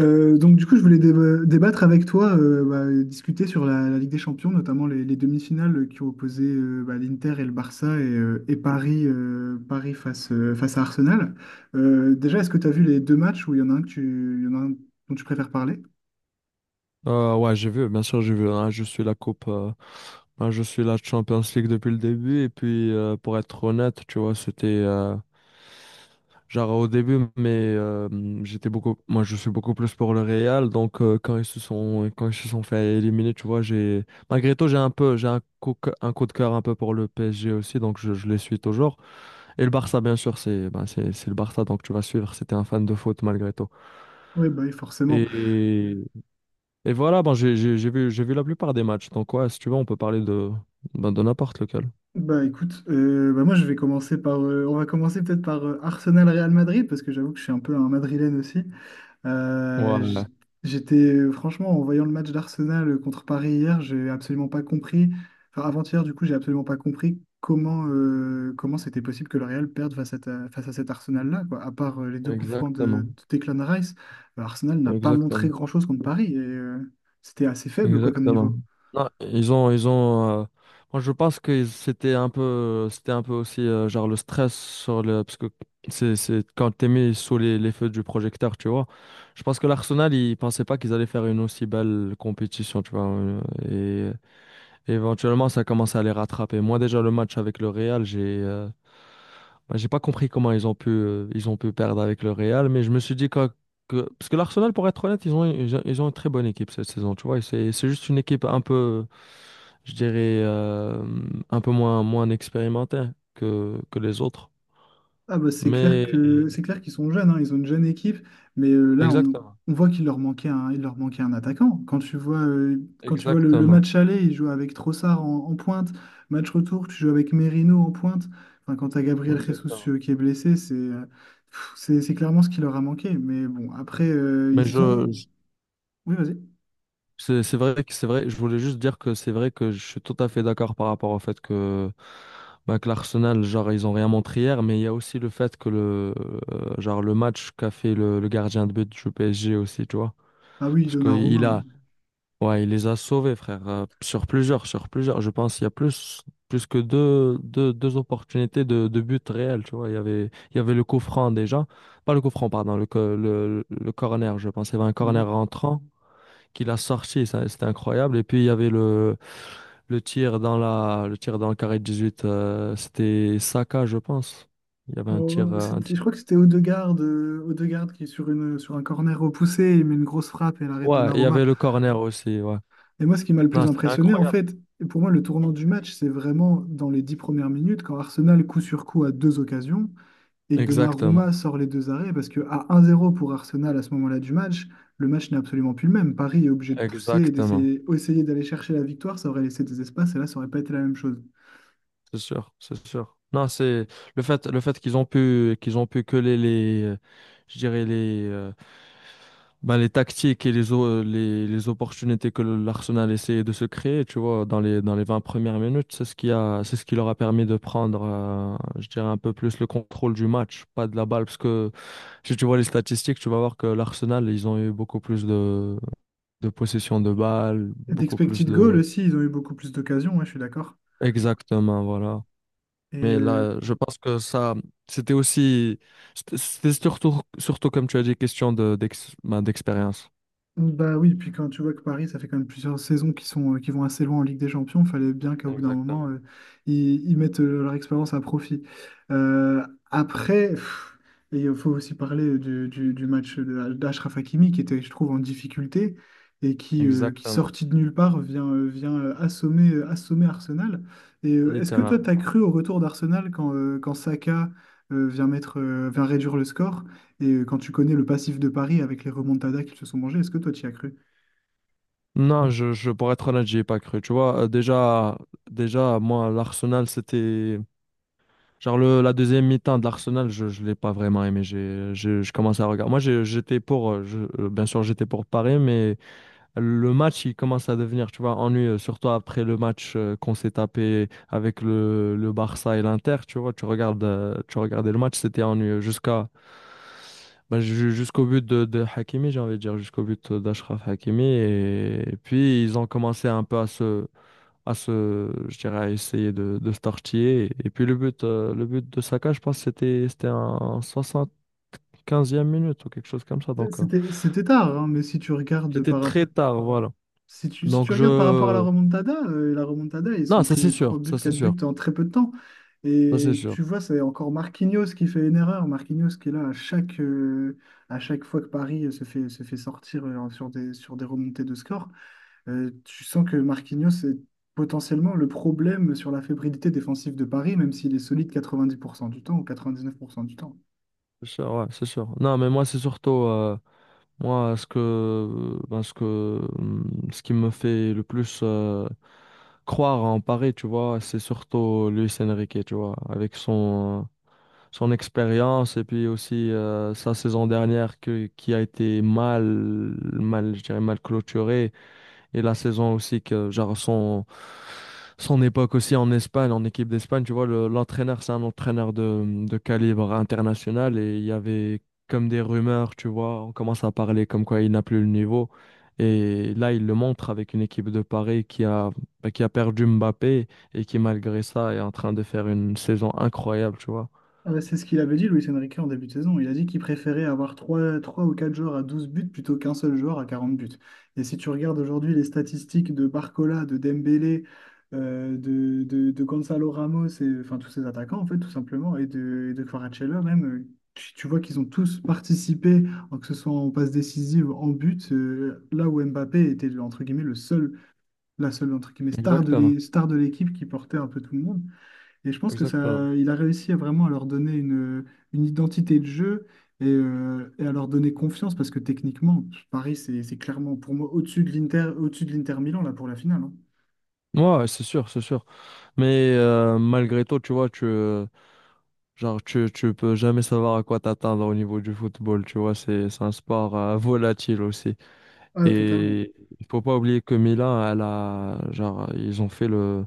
Donc du coup, je voulais débattre avec toi, bah, et discuter sur la Ligue des Champions, notamment les demi-finales qui ont opposé bah, l'Inter et le Barça et Paris, Paris face à Arsenal. Déjà, est-ce que tu as vu les deux matchs où il y en a un il y en a un dont tu préfères parler? Ouais, j'ai vu, bien sûr, je suis la je suis la Champions League depuis le début. Et puis, pour être honnête, tu vois, c'était genre au début, moi, je suis beaucoup plus pour le Real. Donc, quand ils se sont fait éliminer, tu vois, malgré tout, un coup de cœur un peu pour le PSG aussi. Donc, je les suis toujours. Et le Barça, bien sûr, c'est le Barça. Donc, tu vas suivre. C'était un fan de foot malgré tout. Oui, bah, oui, forcément. Et Et voilà, ben, j'ai vu la plupart des matchs. Donc, ouais, si tu veux, on peut parler de n'importe lequel. Bah écoute, bah, moi je vais commencer par, on va commencer peut-être par Arsenal-Real Madrid parce que j'avoue que je suis un peu un Madrilène aussi. Euh, Ouais, j- J'étais, franchement, en voyant le match d'Arsenal contre Paris hier, j'ai absolument pas compris, enfin avant-hier, du coup, j'ai absolument pas compris comment c'était possible que le Real perde face à cet Arsenal-là, quoi. À part les deux coups francs exactement. de Declan Rice, Arsenal n'a pas montré Exactement. grand-chose contre Paris et c'était assez faible, quoi, comme Exactement. niveau. Non, moi, je pense que c'était un peu aussi genre le stress sur le. Parce que c'est quand t'es mis sous les feux du projecteur, tu vois. Je pense que l'Arsenal, ils pensaient pas qu'ils allaient faire une aussi belle compétition, tu vois. Et, et éventuellement, ça commence à les rattraper. Moi, déjà, le match avec le Real, j'ai. Bah, j'ai pas compris comment ils ont pu perdre avec le Real, mais je me suis dit que parce que l'Arsenal, pour être honnête, ils ont une très bonne équipe cette saison, tu vois. Et c'est juste une équipe un peu, je dirais, euh, un peu moins expérimentée que les autres. Ah bah c'est clair que Mais c'est clair qu'ils sont jeunes, hein, ils ont une jeune équipe, mais là exactement, on voit qu'il leur manquait un attaquant. Quand tu vois le exactement, match aller, ils jouent avec Trossard en pointe, match retour, tu joues avec Merino en pointe. Enfin, quand tu as Gabriel Jesus exactement. Qui est blessé, c'est pff, c'est clairement ce qui leur a manqué. Mais bon, après Mais ils ont. je, Oui, vas-y. c'est vrai que c'est vrai, je voulais juste dire que c'est vrai que je suis tout à fait d'accord par rapport au fait que, bah, que l'Arsenal, genre, ils ont rien montré hier, mais il y a aussi le fait que genre, le match qu'a fait le gardien de but du PSG aussi, tu vois. Ah oui, Parce que il Oui. Donnarumma. a, ouais, il les a sauvés, frère, sur plusieurs. Je pense qu'il y a plus que deux opportunités de but réel, tu vois. Il y avait le coup franc déjà, pas le coup franc, pardon, le corner, je pense. Il y avait un corner Mhm. rentrant qu'il a sorti. C'était incroyable. Et puis, il y avait le tir le tir dans le carré de 18. C'était Saka, je pense. Il y avait un Oh, un je tir. crois que c'était Odegaard qui est sur un corner repoussé, il met une grosse frappe et l'arrêt de Ouais, il y Donnarumma. avait le corner aussi. Ouais. Et moi, ce qui m'a le plus Non, c'était impressionné, en incroyable. fait, et pour moi, le tournant du match, c'est vraiment dans les 10 premières minutes, quand Arsenal, coup sur coup, a deux occasions, et que Exactement. Donnarumma sort les deux arrêts, parce que à 1-0 pour Arsenal à ce moment-là du match, le match n'est absolument plus le même. Paris est obligé de pousser et Exactement. d'essayer essayer d'aller chercher la victoire, ça aurait laissé des espaces, et là, ça aurait pas été la même chose. C'est sûr. C'est sûr. Non, c'est le fait qu'ils ont qu'ils ont pu coller les, je dirais les, Ben, les tactiques et les opportunités que l'Arsenal essayait de se créer, tu vois, dans les 20 premières minutes, c'est ce c'est ce qui leur a permis de prendre, un peu plus le contrôle du match, pas de la balle. Parce que si tu vois les statistiques, tu vas voir que l'Arsenal, ils ont eu beaucoup plus de possession de balles, Et beaucoup plus d'expected goal de... aussi, ils ont eu beaucoup plus d'occasions, ouais, je suis d'accord. Exactement, voilà. Et, Mais euh, là, je pense que c'était aussi, surtout, comme tu as dit, question de d'expérience. Bah oui, puis quand tu vois que Paris, ça fait quand même plusieurs saisons qui vont assez loin en Ligue des Champions, fallait bien qu'au bout d'un moment, Exactement. Ils mettent leur expérience à profit. Euh, après, pff, et il faut aussi parler du match d'Achraf Hakimi, qui était, je trouve, en difficulté qui Exactement. sorti de nulle part, vient assommer Arsenal. Et est-ce que toi, tu as Littéralement. cru au retour d'Arsenal quand Saka vient réduire le score? Et quand tu connais le passif de Paris avec les remontadas qu'ils se sont mangés, est-ce que toi, tu y as cru? Non, pour être honnête, j'y ai pas cru. Tu vois, déjà, moi, l'Arsenal, c'était. La deuxième mi-temps de l'Arsenal, je ne l'ai pas vraiment aimé. Je commençais à regarder. Bien sûr, j'étais pour Paris, mais le match, il commence à devenir, tu vois, ennuyeux, surtout après le match qu'on s'est tapé avec le Barça et l'Inter, tu vois, tu regardais le match, c'était ennuyeux jusqu'au but de Hakimi, j'ai envie de dire, jusqu'au but d'Ashraf Hakimi. Et puis, ils ont commencé un peu à je dirais, à essayer de se tortiller. Puis, le but de Saka, je pense, c'était en 75e minute ou quelque chose comme ça. C'était tard, hein, mais si tu regardes C'était par, rap- très tard, voilà. si tu, si Donc, tu regardes par rapport à la je, remontada, ils Non, ont ça c'est pris 3 sûr, buts, ça c'est 4 buts sûr, en très peu de temps. ça Et tu vois, c'est encore Marquinhos qui fait une erreur. Marquinhos qui est là à chaque fois que Paris se fait sortir sur des remontées de score. Tu sens que Marquinhos est potentiellement le problème sur la fébrilité défensive de Paris, même s'il est solide 90% du temps ou 99% du temps. c'est sûr, ouais, c'est sûr. Non, mais moi c'est surtout moi ce que ben, ce que ce qui me fait le plus croire en Paris, tu vois, c'est surtout Luis Enrique, tu vois, avec son son expérience et puis aussi sa saison dernière qui a été mal mal je dirais mal clôturée. Et la saison aussi que genre son époque aussi en Espagne, en équipe d'Espagne, tu vois, l'entraîneur, c'est un entraîneur de calibre international et il y avait comme des rumeurs, tu vois, on commence à parler comme quoi il n'a plus le niveau. Et là, il le montre avec une équipe de Paris bah, qui a perdu Mbappé et qui, malgré ça, est en train de faire une saison incroyable, tu vois. C'est ce qu'il avait dit, Luis Enrique, en début de saison. Il a dit qu'il préférait avoir trois ou 4 joueurs à 12 buts plutôt qu'un seul joueur à 40 buts. Et si tu regardes aujourd'hui les statistiques de Barcola, de Dembélé, de Gonzalo Ramos, enfin tous ces attaquants, en fait, tout simplement, et de Kvaratskhelia même, tu vois qu'ils ont tous participé, que ce soit en passe décisive, en but, là où Mbappé était, entre guillemets, le seul, la seule, entre guillemets, star de Exactement, l'é- star de l'équipe qui portait un peu tout le monde. Et je pense que exactement. ça, il a réussi à vraiment à leur donner une identité de jeu et à leur donner confiance parce que techniquement, Paris, c'est clairement pour moi au-dessus de l'Inter Milan là pour la finale, hein. Ouais, ouais, c'est sûr, c'est sûr. Malgré tout, Genre, tu peux jamais savoir à quoi t'attendre au niveau du football, tu vois, c'est un sport volatile aussi. Ah, totalement. Et il faut pas oublier que Milan, elle a, genre, ils ont fait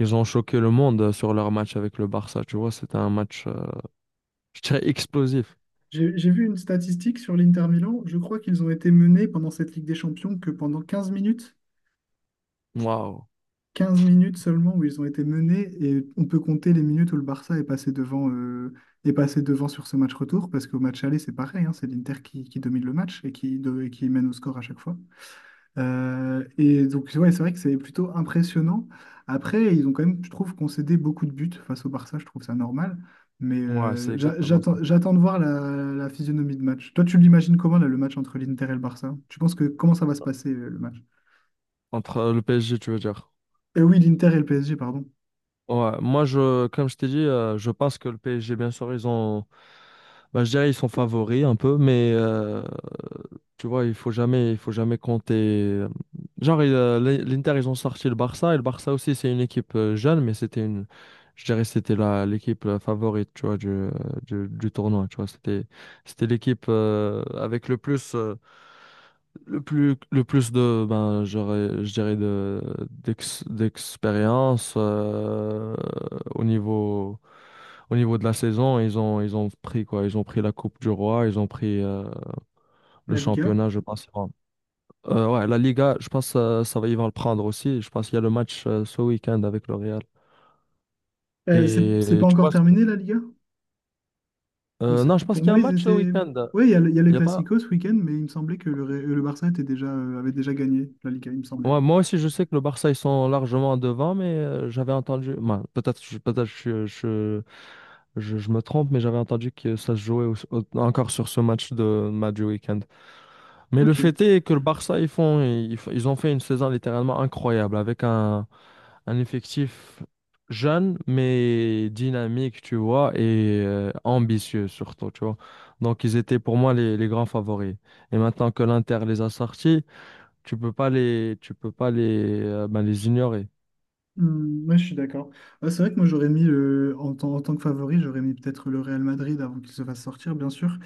ils ont choqué le monde sur leur match avec le Barça, tu vois, c'était un je dirais, explosif. J'ai vu une statistique sur l'Inter Milan. Je crois qu'ils ont été menés pendant cette Ligue des Champions que pendant 15 minutes. Waouh. 15 minutes seulement où ils ont été menés et on peut compter les minutes où le Barça est passé devant sur ce match retour parce qu'au match aller, c'est pareil, hein, c'est l'Inter qui domine le match et qui mène au score à chaque fois. Et donc, ouais, c'est vrai que c'est plutôt impressionnant. Après, ils ont quand même, je trouve, concédé beaucoup de buts face au Barça, je trouve ça normal. Mais Ouais, c'est exactement ça. J'attends de voir la physionomie de match. Toi, tu l'imagines comment, là, le match entre l'Inter et le Barça? Tu penses que comment ça va se passer, le match? Entre le PSG, tu veux dire. Oui, l'Inter et le PSG, pardon. Ouais, comme je t'ai dit, je pense que le PSG, bien sûr, bah, je dirais, ils sont favoris un peu, tu vois, il faut jamais compter. l'Inter, ils ont sorti le Barça, et le Barça aussi, c'est une équipe jeune, mais c'était une, je dirais, c'était la l'équipe favorite, tu vois, du tournoi, tu vois, c'était l'équipe avec le plus de, je dirais, d'expérience au niveau, au niveau de la saison. Ils ont pris quoi? Ils ont pris la Coupe du Roi, ils ont pris le La Liga. championnat, je pense. Bon. Ouais, la Liga, je pense ça va, ils vont le prendre aussi. Je pense qu'il y a le match ce week-end avec le Real. C'est Et pas tu encore vois, c'est- terminé, la Liga? Non, je pense Pour qu'il y a un moi, ils match ce étaient. week-end. Oui, il y a le Il y a pas. Classico ce week-end, mais il me semblait que le Barça avait déjà gagné la Liga, il me semblait. Ouais, moi aussi, je sais que le Barça, ils sont largement devant, mais j'avais entendu. Peut-être je me trompe, mais j'avais entendu que ça se jouait encore sur ce match de match du week-end. Mais le Ok. fait est que le Barça, ils font, ils, f- ils ont fait une saison littéralement incroyable avec un effectif jeune, mais dynamique, tu vois, et ambitieux surtout, tu vois. Donc, ils étaient pour moi les grands favoris. Et maintenant que l'Inter les a sortis, tu peux pas ben, les ignorer. Hmm, ouais, je suis d'accord. Ouais, c'est vrai que moi en tant que favori, j'aurais mis peut-être le Real Madrid avant qu'il se fasse sortir, bien sûr.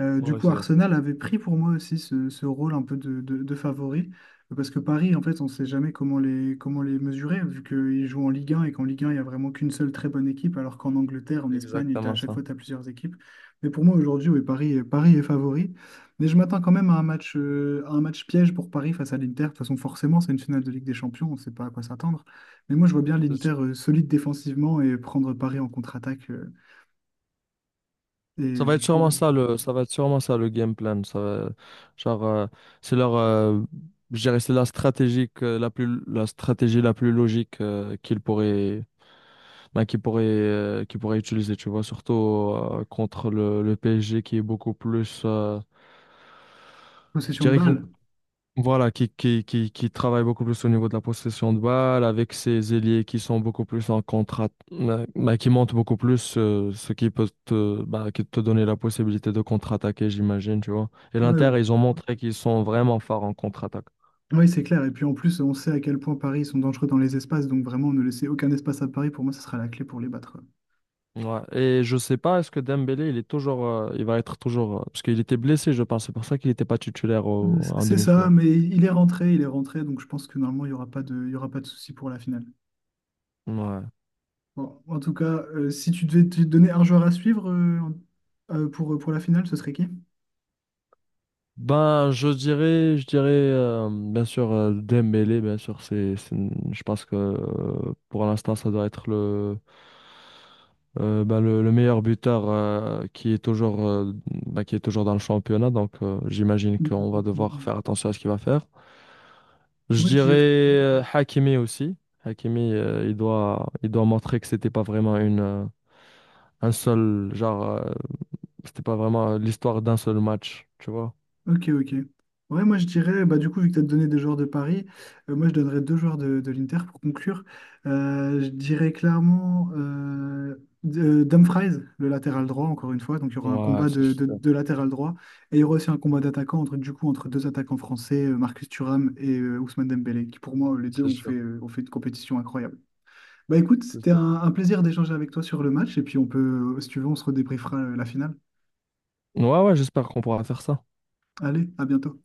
Du Ouais, coup, c'est Arsenal avait pris pour moi aussi ce rôle un peu de favori, parce que Paris, en fait, on ne sait jamais comment les mesurer, vu qu'ils jouent en Ligue 1 et qu'en Ligue 1, il n'y a vraiment qu'une seule très bonne équipe, alors qu'en Angleterre, en c'est Espagne, à exactement chaque fois, ça. tu as plusieurs équipes. Mais pour moi, aujourd'hui, oui, Paris, Paris est favori. Mais je m'attends quand même à un match piège pour Paris face à l'Inter. De toute façon, forcément, c'est une finale de Ligue des Champions, on ne sait pas à quoi s'attendre. Mais moi, je vois bien C'est l'Inter, sûr. Solide défensivement et prendre Paris en contre-attaque, Ça et va du être sûrement coup, ça ça va être sûrement ça le game plan. Ça va- genre, c'est leur, je dirais, c'est la stratégie que- la plus, la stratégie la plus logique qu'ils pourraient, ben, qu'ils pourraient utiliser. Tu vois, surtout contre le PSG qui est beaucoup plus, je possession de dirais balle. Voilà, qui travaille beaucoup plus au niveau de la possession de balle, avec ses ailiers qui sont beaucoup plus en contrat, bah, qui montent beaucoup plus, ce qui peut te, bah, qui te donner la possibilité de contre-attaquer, j'imagine, tu vois. Et Ouais, ouais. l'Inter, ils ont montré qu'ils sont vraiment forts en contre-attaque. Oui, c'est clair. Et puis en plus, on sait à quel point Paris sont dangereux dans les espaces. Donc vraiment, ne laisser aucun espace à Paris, pour moi, ce sera la clé pour les battre. Ouais. Et je sais pas, est-ce que Dembélé, il va être toujours, parce qu'il était blessé, je pense, c'est pour ça qu'il n'était pas titulaire en C'est ça, demi-finale. mais il est rentré, il est rentré. Donc je pense que normalement, il y aura pas de souci pour la finale. Ouais. Bon, en tout cas, si tu devais te donner un joueur à suivre pour la finale, ce serait qui? Ben, je dirais, bien sûr, Dembélé, bien sûr, je pense que pour l'instant, ça doit être le meilleur buteur ben, qui est toujours dans le championnat. Donc, j'imagine Mm, qu'on mm, va mm, devoir mm. faire attention à ce qu'il va faire. Je Moi, je dirais dirais Hakimi aussi. Hakimi, il doit montrer que c'était pas vraiment une, un seul, genre, euh, c'était pas vraiment l'histoire d'un seul match, tu vois. Ok, ok. Ouais, moi je dirais, bah, du coup, vu que tu as donné des joueurs de Paris, moi je donnerais deux joueurs de l'Inter pour conclure. Je dirais clairement Dumfries, le latéral droit, encore une fois. Donc il y aura un Ouais, combat c'est de, de- sûr. de latéral droit et il y aura aussi un combat d'attaquants entre deux attaquants français, Marcus Thuram et Ousmane Dembélé, qui pour moi, les deux C'est sûr. Ont fait une compétition incroyable. Bah écoute, c'était J'espère. un plaisir d'échanger avec toi sur le match et puis si tu veux, on se redébriefera la finale. Ouais, ouais, j'espère qu'on pourra faire ça. Allez, à bientôt.